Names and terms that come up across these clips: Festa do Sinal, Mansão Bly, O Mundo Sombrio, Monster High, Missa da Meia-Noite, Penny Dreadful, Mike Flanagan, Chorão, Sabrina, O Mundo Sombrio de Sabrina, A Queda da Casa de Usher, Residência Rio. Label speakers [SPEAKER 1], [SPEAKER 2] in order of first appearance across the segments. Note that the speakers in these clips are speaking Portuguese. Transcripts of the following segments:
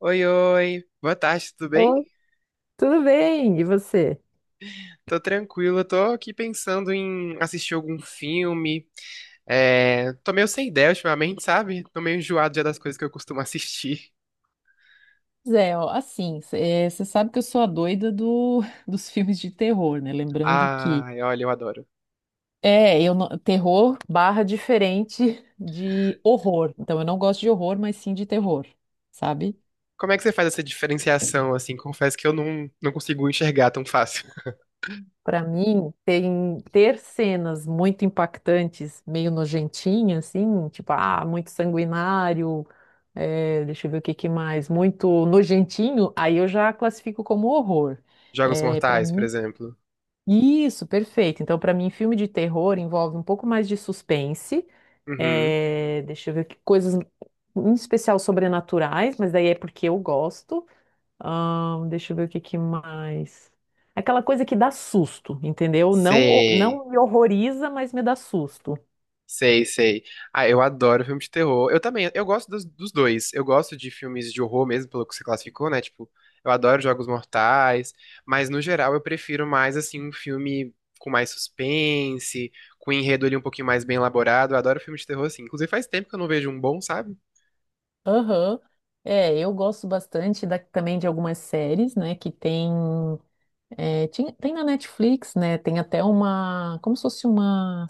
[SPEAKER 1] Oi, oi. Boa tarde, tudo bem?
[SPEAKER 2] Oh, tudo bem, e você?
[SPEAKER 1] Tô tranquilo, tô aqui pensando em assistir algum filme. É, tô meio sem ideia ultimamente, sabe? Tô meio enjoado já das coisas que eu costumo assistir.
[SPEAKER 2] Zé, ó, assim, você sabe que eu sou a doida dos filmes de terror, né? Lembrando que
[SPEAKER 1] Ai, olha, eu adoro.
[SPEAKER 2] eu não- terror barra diferente de horror. Então eu não gosto de horror, mas sim de terror, sabe?
[SPEAKER 1] Como é que você faz essa diferenciação, assim? Confesso que eu não consigo enxergar tão fácil.
[SPEAKER 2] Pra mim, tem ter cenas muito impactantes, meio nojentinhas, assim, tipo, ah, muito sanguinário, deixa eu ver o que que mais, muito nojentinho, aí eu já classifico como horror.
[SPEAKER 1] Jogos
[SPEAKER 2] É, para
[SPEAKER 1] Mortais, por
[SPEAKER 2] mim.
[SPEAKER 1] exemplo.
[SPEAKER 2] Isso, perfeito. Então, para mim, filme de terror envolve um pouco mais de suspense.
[SPEAKER 1] Uhum.
[SPEAKER 2] Deixa eu ver que coisas, em especial sobrenaturais, mas daí é porque eu gosto. Deixa eu ver o que que mais. Aquela coisa que dá susto, entendeu? Não,
[SPEAKER 1] Sei.
[SPEAKER 2] não me horroriza, mas me dá susto.
[SPEAKER 1] Sei, sei. Ah, eu adoro filme de terror. Eu também, eu gosto dos dois. Eu gosto de filmes de horror mesmo, pelo que você classificou, né? Tipo, eu adoro Jogos Mortais, mas no geral eu prefiro mais, assim, um filme com mais suspense, com enredo ali um pouquinho mais bem elaborado. Eu adoro filme de terror, assim. Inclusive faz tempo que eu não vejo um bom, sabe?
[SPEAKER 2] Aham. É, eu gosto bastante da- também de algumas séries, né, que tem, tinha- tem na Netflix, né, tem até uma, como se fosse uma,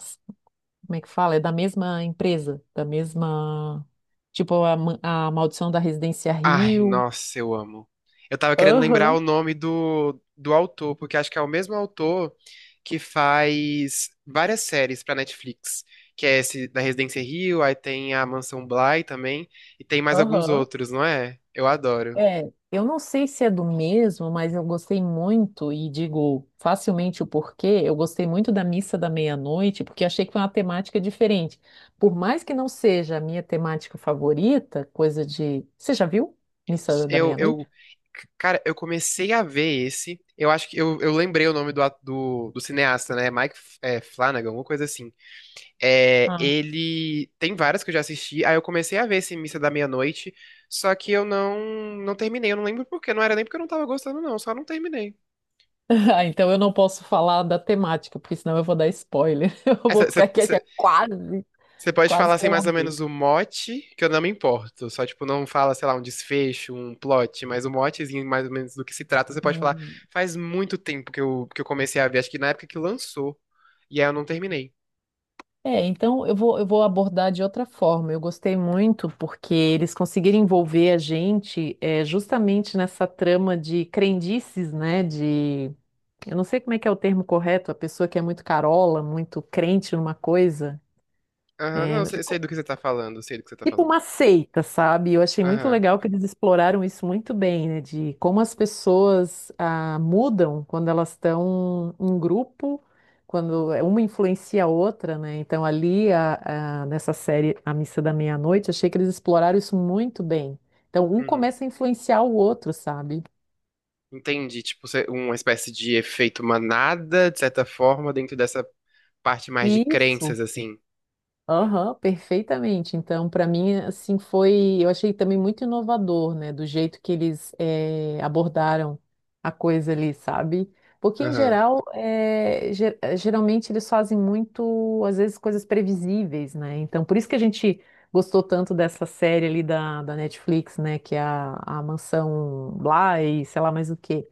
[SPEAKER 2] como é que fala? É da mesma empresa, da mesma, tipo a, ma- a Maldição da Residência
[SPEAKER 1] Ai,
[SPEAKER 2] Rio.
[SPEAKER 1] nossa, eu amo. Eu tava querendo lembrar o
[SPEAKER 2] Aham,
[SPEAKER 1] nome do autor, porque acho que é o mesmo autor que faz várias séries pra Netflix, que é esse da Residência Rio, aí tem a Mansão Bly também, e tem mais alguns
[SPEAKER 2] aham.
[SPEAKER 1] outros, não é? Eu adoro.
[SPEAKER 2] É, eu não sei se é do mesmo, mas eu gostei muito e digo facilmente o porquê. Eu gostei muito da Missa da Meia-Noite, porque achei que foi uma temática diferente. Por mais que não seja a minha temática favorita, coisa de. Você já viu Missa da
[SPEAKER 1] Eu,
[SPEAKER 2] Meia-Noite?
[SPEAKER 1] eu, Cara, eu comecei a ver esse, eu acho que eu lembrei o nome do cineasta, né? Mike, Flanagan, alguma coisa assim. É,
[SPEAKER 2] Ah.
[SPEAKER 1] ele tem várias que eu já assisti, aí eu comecei a ver esse Missa da Meia-Noite, só que eu não terminei, eu não lembro por quê, não era nem porque eu não tava gostando, não, só não terminei.
[SPEAKER 2] Ah, então eu não posso falar da temática, porque senão eu vou dar spoiler. Eu vou ficar quieta quase.
[SPEAKER 1] Você pode falar
[SPEAKER 2] Quase que
[SPEAKER 1] assim
[SPEAKER 2] eu
[SPEAKER 1] mais ou
[SPEAKER 2] larguei.
[SPEAKER 1] menos o mote, que eu não me importo, só tipo, não fala, sei lá, um desfecho, um plot, mas o motezinho mais ou menos do que se trata, você pode falar,
[SPEAKER 2] Hum.
[SPEAKER 1] faz muito tempo que eu comecei a ver, acho que na época que lançou, e aí eu não terminei.
[SPEAKER 2] É, então eu vou abordar de outra forma. Eu gostei muito porque eles conseguiram envolver a gente justamente nessa trama de crendices, né? De, eu não sei como é que é o termo correto, a pessoa que é muito carola, muito crente numa coisa.
[SPEAKER 1] Aham,
[SPEAKER 2] É,
[SPEAKER 1] não, sei sei do que você tá falando, sei do que você tá
[SPEAKER 2] tipo
[SPEAKER 1] falando.
[SPEAKER 2] uma seita, sabe? Eu achei muito
[SPEAKER 1] Aham,
[SPEAKER 2] legal que eles exploraram isso muito bem, né? De como as pessoas mudam quando elas estão em grupo, quando uma influencia a outra, né? Então, ali, nessa série A Missa da Meia-Noite, achei que eles exploraram isso muito bem. Então, um
[SPEAKER 1] uhum.
[SPEAKER 2] começa a influenciar o outro, sabe?
[SPEAKER 1] Entendi, tipo, uma espécie de efeito manada, de certa forma, dentro dessa parte mais de
[SPEAKER 2] Isso.
[SPEAKER 1] crenças, assim.
[SPEAKER 2] Aham, perfeitamente. Então, para mim, assim, foi. Eu achei também muito inovador, né? Do jeito que eles abordaram a coisa ali, sabe? Porque, em
[SPEAKER 1] Aham.
[SPEAKER 2] geral, geralmente eles fazem muito, às vezes, coisas previsíveis, né? Então, por isso que a gente gostou tanto dessa série ali da Netflix, né? Que é a Mansão Bly, sei lá mais o quê,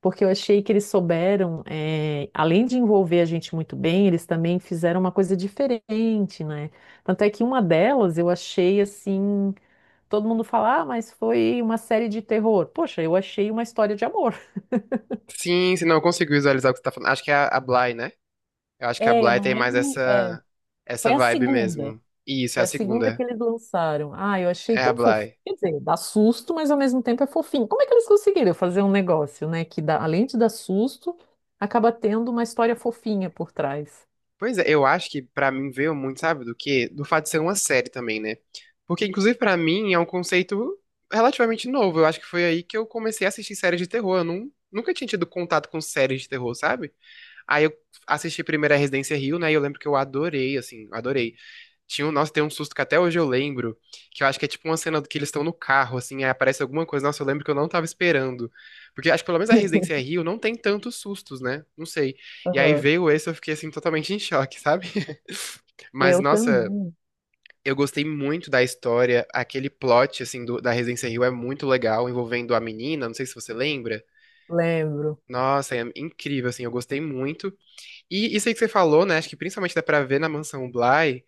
[SPEAKER 2] porque eu achei que eles souberam, além de envolver a gente muito bem, eles também fizeram uma coisa diferente, né? Tanto é que uma delas eu achei assim, todo mundo fala, ah, mas foi uma série de terror. Poxa, eu achei uma história de amor.
[SPEAKER 1] Sim, se não, eu consigo visualizar o que você tá falando. Acho que é a Bly, né? Eu acho que a
[SPEAKER 2] É, eu
[SPEAKER 1] Bly
[SPEAKER 2] não
[SPEAKER 1] tem mais
[SPEAKER 2] lembro. É,
[SPEAKER 1] essa
[SPEAKER 2] foi a
[SPEAKER 1] vibe
[SPEAKER 2] segunda.
[SPEAKER 1] mesmo. Isso, é
[SPEAKER 2] Foi
[SPEAKER 1] a
[SPEAKER 2] a segunda que
[SPEAKER 1] segunda.
[SPEAKER 2] eles lançaram. Ah, eu achei
[SPEAKER 1] É a
[SPEAKER 2] tão fofinho.
[SPEAKER 1] Bly.
[SPEAKER 2] Quer dizer, dá susto, mas ao mesmo tempo é fofinho. Como é que eles conseguiram fazer um negócio, né, que dá, além de dar susto, acaba tendo uma história fofinha por trás?
[SPEAKER 1] Pois é, eu acho que pra mim veio muito, sabe, do quê? Do fato de ser uma série também, né? Porque, inclusive, pra mim é um conceito relativamente novo. Eu acho que foi aí que eu comecei a assistir séries de terror. Eu nunca tinha tido contato com séries de terror, sabe? Aí eu assisti primeiro a Residência Rio, né? E eu lembro que eu adorei, assim, adorei. Tinha um, nossa, tem um susto que até hoje eu lembro, que eu acho que é tipo uma cena que eles estão no carro, assim, aí aparece alguma coisa. Nossa, eu lembro que eu não tava esperando. Porque acho que pelo menos a Residência Rio não tem tantos sustos, né? Não sei. E aí veio esse, eu fiquei, assim, totalmente em choque, sabe? Mas,
[SPEAKER 2] Eu
[SPEAKER 1] nossa,
[SPEAKER 2] também
[SPEAKER 1] eu gostei muito da história. Aquele plot, assim, da Residência Rio é muito legal, envolvendo a menina, não sei se você lembra.
[SPEAKER 2] lembro.
[SPEAKER 1] Nossa, é incrível, assim, eu gostei muito. E isso aí que você falou, né? Acho que principalmente dá pra ver na Mansão Bly,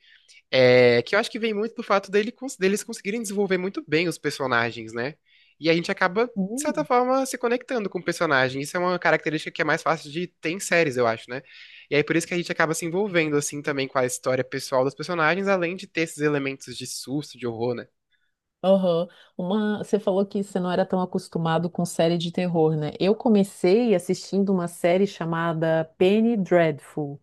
[SPEAKER 1] é, que eu acho que vem muito do fato dele, deles conseguirem desenvolver muito bem os personagens, né? E a gente acaba, de certa
[SPEAKER 2] Hum,
[SPEAKER 1] forma, se conectando com o personagem. Isso é uma característica que é mais fácil de ter em séries, eu acho, né? E aí por isso que a gente acaba se envolvendo, assim, também com a história pessoal dos personagens, além de ter esses elementos de susto, de horror, né?
[SPEAKER 2] aham. Uma, você falou que você não era tão acostumado com série de terror, né? Eu comecei assistindo uma série chamada Penny Dreadful.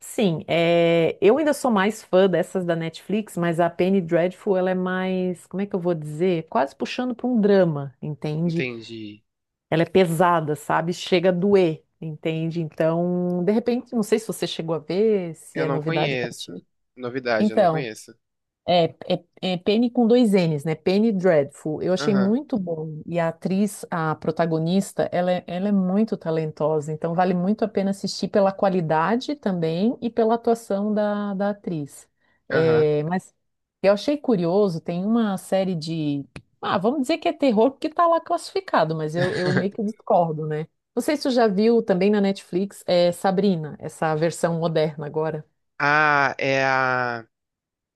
[SPEAKER 2] Sim, é, eu ainda sou mais fã dessas da Netflix, mas a Penny Dreadful, ela é mais, como é que eu vou dizer? Quase puxando para um drama, entende?
[SPEAKER 1] Entendi.
[SPEAKER 2] Ela é pesada, sabe? Chega a doer, entende? Então, de repente, não sei se você chegou a ver, se
[SPEAKER 1] Eu
[SPEAKER 2] é
[SPEAKER 1] não
[SPEAKER 2] novidade para
[SPEAKER 1] conheço.
[SPEAKER 2] ti.
[SPEAKER 1] Novidade, eu não
[SPEAKER 2] Então,
[SPEAKER 1] conheço.
[SPEAKER 2] É Penny com dois N's, né? Penny Dreadful. Eu achei
[SPEAKER 1] Aham,
[SPEAKER 2] muito bom. E a atriz, a protagonista, ela é muito talentosa. Então, vale muito a pena assistir pela qualidade também e pela atuação da atriz.
[SPEAKER 1] aham.
[SPEAKER 2] É, mas eu achei curioso, tem uma série de. Ah, vamos dizer que é terror porque está lá classificado, mas eu meio que discordo, né? Não sei se você já viu também na Netflix, é Sabrina, essa versão moderna agora.
[SPEAKER 1] Ah, é a.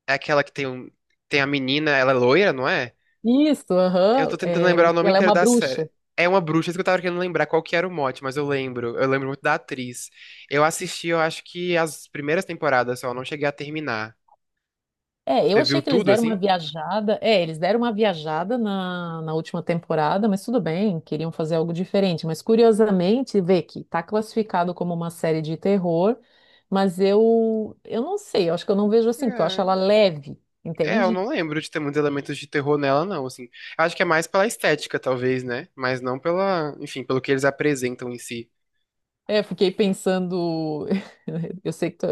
[SPEAKER 1] É aquela que tem, um, tem a menina, ela é loira, não é?
[SPEAKER 2] Isso,
[SPEAKER 1] Eu
[SPEAKER 2] aham.
[SPEAKER 1] tô tentando lembrar
[SPEAKER 2] É,
[SPEAKER 1] o nome
[SPEAKER 2] ela é
[SPEAKER 1] inteiro
[SPEAKER 2] uma
[SPEAKER 1] da série.
[SPEAKER 2] bruxa.
[SPEAKER 1] É uma bruxa, isso que eu tava querendo lembrar qual que era o mote, mas eu lembro. Eu lembro muito da atriz. Eu assisti, eu acho que as primeiras temporadas só, eu não cheguei a terminar.
[SPEAKER 2] É,
[SPEAKER 1] Você
[SPEAKER 2] eu achei
[SPEAKER 1] viu
[SPEAKER 2] que eles
[SPEAKER 1] tudo,
[SPEAKER 2] deram uma
[SPEAKER 1] assim?
[SPEAKER 2] viajada. É, eles deram uma viajada na última temporada, mas tudo bem, queriam fazer algo diferente. Mas curiosamente, vê que tá classificado como uma série de terror, mas eu não sei, eu acho que eu não vejo assim, porque eu acho
[SPEAKER 1] É,
[SPEAKER 2] ela leve,
[SPEAKER 1] eu
[SPEAKER 2] entende?
[SPEAKER 1] não lembro de ter muitos elementos de terror nela, não, assim. Eu acho que é mais pela estética, talvez, né? Mas não pela, enfim, pelo que eles apresentam em si.
[SPEAKER 2] É, eu fiquei pensando. Eu sei que. Tu-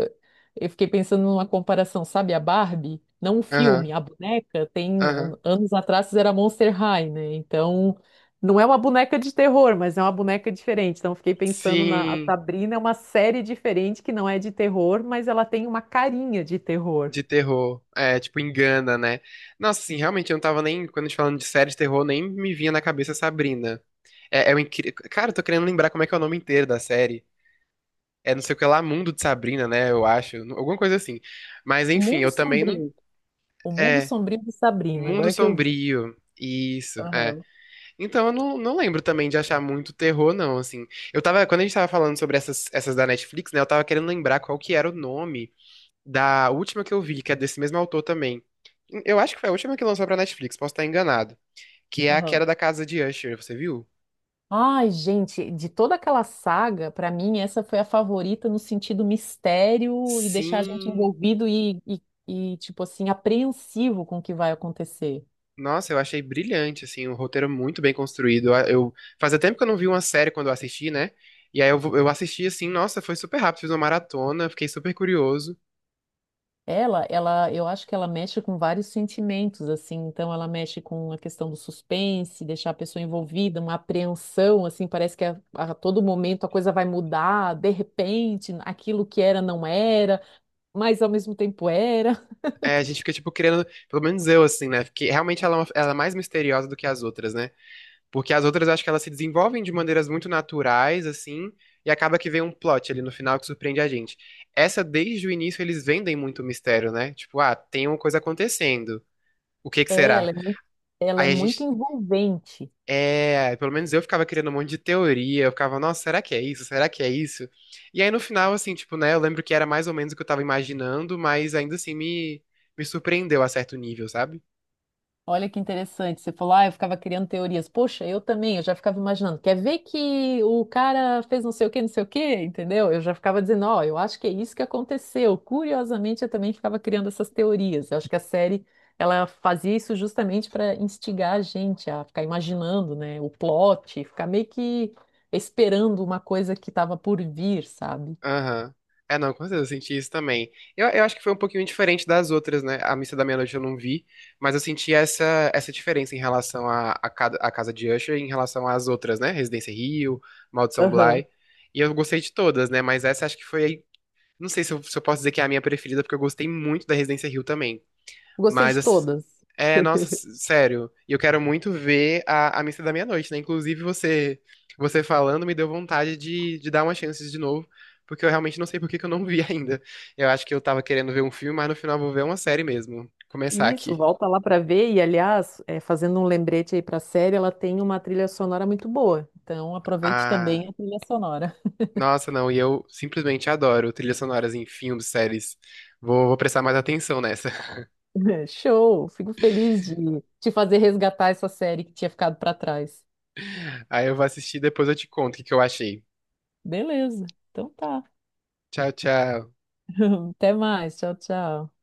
[SPEAKER 2] Eu fiquei pensando numa comparação, sabe? A Barbie, não o
[SPEAKER 1] Aham,
[SPEAKER 2] filme, a boneca tem.
[SPEAKER 1] aham.
[SPEAKER 2] An- Anos atrás era Monster High, né? Então, não é uma boneca de terror, mas é uma boneca diferente. Então, eu fiquei pensando na. A
[SPEAKER 1] Sim.
[SPEAKER 2] Sabrina é uma série diferente que não é de terror, mas ela tem uma carinha de terror.
[SPEAKER 1] De terror. É, tipo, engana, né? Nossa, assim, realmente eu não tava nem. Quando a gente falando de série de terror, nem me vinha na cabeça Sabrina. É, é um incrível. Cara, eu tô querendo lembrar como é que é o nome inteiro da série. É não sei o que lá, Mundo de Sabrina, né? Eu acho. Alguma coisa assim. Mas
[SPEAKER 2] O
[SPEAKER 1] enfim,
[SPEAKER 2] Mundo
[SPEAKER 1] eu também não.
[SPEAKER 2] Sombrio. O Mundo
[SPEAKER 1] É.
[SPEAKER 2] Sombrio de
[SPEAKER 1] O
[SPEAKER 2] Sabrina,
[SPEAKER 1] Mundo
[SPEAKER 2] agora que eu vi.
[SPEAKER 1] Sombrio. Isso, é.
[SPEAKER 2] Aham,
[SPEAKER 1] Então eu não lembro também de achar muito terror, não, assim. Eu tava. Quando a gente tava falando sobre essas da Netflix, né? Eu tava querendo lembrar qual que era o nome. Da última que eu vi, que é desse mesmo autor também. Eu acho que foi a última que lançou pra Netflix, posso estar enganado. Que é A Queda
[SPEAKER 2] aham.
[SPEAKER 1] da Casa de Usher, você viu?
[SPEAKER 2] Ai, gente, de toda aquela saga, pra mim, essa foi a favorita no sentido mistério e deixar a gente
[SPEAKER 1] Sim.
[SPEAKER 2] envolvido e, tipo assim, apreensivo com o que vai acontecer.
[SPEAKER 1] Nossa, eu achei brilhante, assim, um roteiro muito bem construído. Fazia tempo que eu não vi uma série quando eu assisti, né? E aí eu assisti assim, nossa, foi super rápido, fiz uma maratona, fiquei super curioso.
[SPEAKER 2] Eu acho que ela mexe com vários sentimentos, assim, então ela mexe com a questão do suspense, deixar a pessoa envolvida, uma apreensão, assim, parece que a todo momento a coisa vai mudar, de repente, aquilo que era não era, mas ao mesmo tempo era.
[SPEAKER 1] É, a gente fica, tipo, querendo, pelo menos eu, assim, né? Porque realmente ela, ela é mais misteriosa do que as outras, né? Porque as outras eu acho que elas se desenvolvem de maneiras muito naturais, assim, e acaba que vem um plot ali no final que surpreende a gente. Essa, desde o início, eles vendem muito mistério, né? Tipo, ah, tem uma coisa acontecendo. O que que
[SPEAKER 2] É,
[SPEAKER 1] será?
[SPEAKER 2] ela é
[SPEAKER 1] Aí a
[SPEAKER 2] muito
[SPEAKER 1] gente.
[SPEAKER 2] envolvente.
[SPEAKER 1] É, pelo menos eu ficava criando um monte de teoria, eu ficava, nossa, será que é isso? Será que é isso? E aí no final, assim, tipo, né, eu lembro que era mais ou menos o que eu tava imaginando, mas ainda assim me surpreendeu a certo nível, sabe?
[SPEAKER 2] Olha que interessante. Você falou, ah, eu ficava criando teorias. Poxa, eu também, eu já ficava imaginando. Quer ver que o cara fez não sei o quê, não sei o quê, entendeu? Eu já ficava dizendo, ó, eu acho que é isso que aconteceu. Curiosamente, eu também ficava criando essas teorias. Eu acho que a série, ela fazia isso justamente para instigar a gente a ficar imaginando, né, o plot, ficar meio que esperando uma coisa que estava por vir, sabe?
[SPEAKER 1] Aham. É, não, com certeza eu senti isso também. Eu acho que foi um pouquinho diferente das outras, né? A Missa da Meia-Noite eu não vi, mas eu senti essa diferença em relação a Casa de Usher e em relação às outras, né? Residência Rio, Maldição
[SPEAKER 2] Aham.
[SPEAKER 1] Bly. E eu gostei de todas, né? Mas essa acho que foi. Não sei se eu posso dizer que é a minha preferida, porque eu gostei muito da Residência Rio também.
[SPEAKER 2] Gostei
[SPEAKER 1] Mas,
[SPEAKER 2] de
[SPEAKER 1] ass-
[SPEAKER 2] todas.
[SPEAKER 1] é, nossa, sério. E eu quero muito ver a Missa da Meia-Noite, né? Inclusive, você falando me deu vontade de dar uma chance de novo, porque eu realmente não sei por que que eu não vi ainda. Eu acho que eu tava querendo ver um filme, mas no final eu vou ver uma série mesmo. Começar
[SPEAKER 2] Isso,
[SPEAKER 1] aqui.
[SPEAKER 2] volta lá para ver. E, aliás, é, fazendo um lembrete aí para a série, ela tem uma trilha sonora muito boa. Então, aproveite
[SPEAKER 1] Ah,
[SPEAKER 2] também a trilha sonora.
[SPEAKER 1] nossa, não, e eu simplesmente adoro trilhas sonoras em filmes, séries. Vou prestar mais atenção nessa.
[SPEAKER 2] Show! Fico feliz de te fazer resgatar essa série que tinha ficado para trás.
[SPEAKER 1] Aí eu vou assistir e depois eu te conto o que que eu achei.
[SPEAKER 2] Beleza, então tá.
[SPEAKER 1] Tchau, tchau.
[SPEAKER 2] Até mais. Tchau, tchau.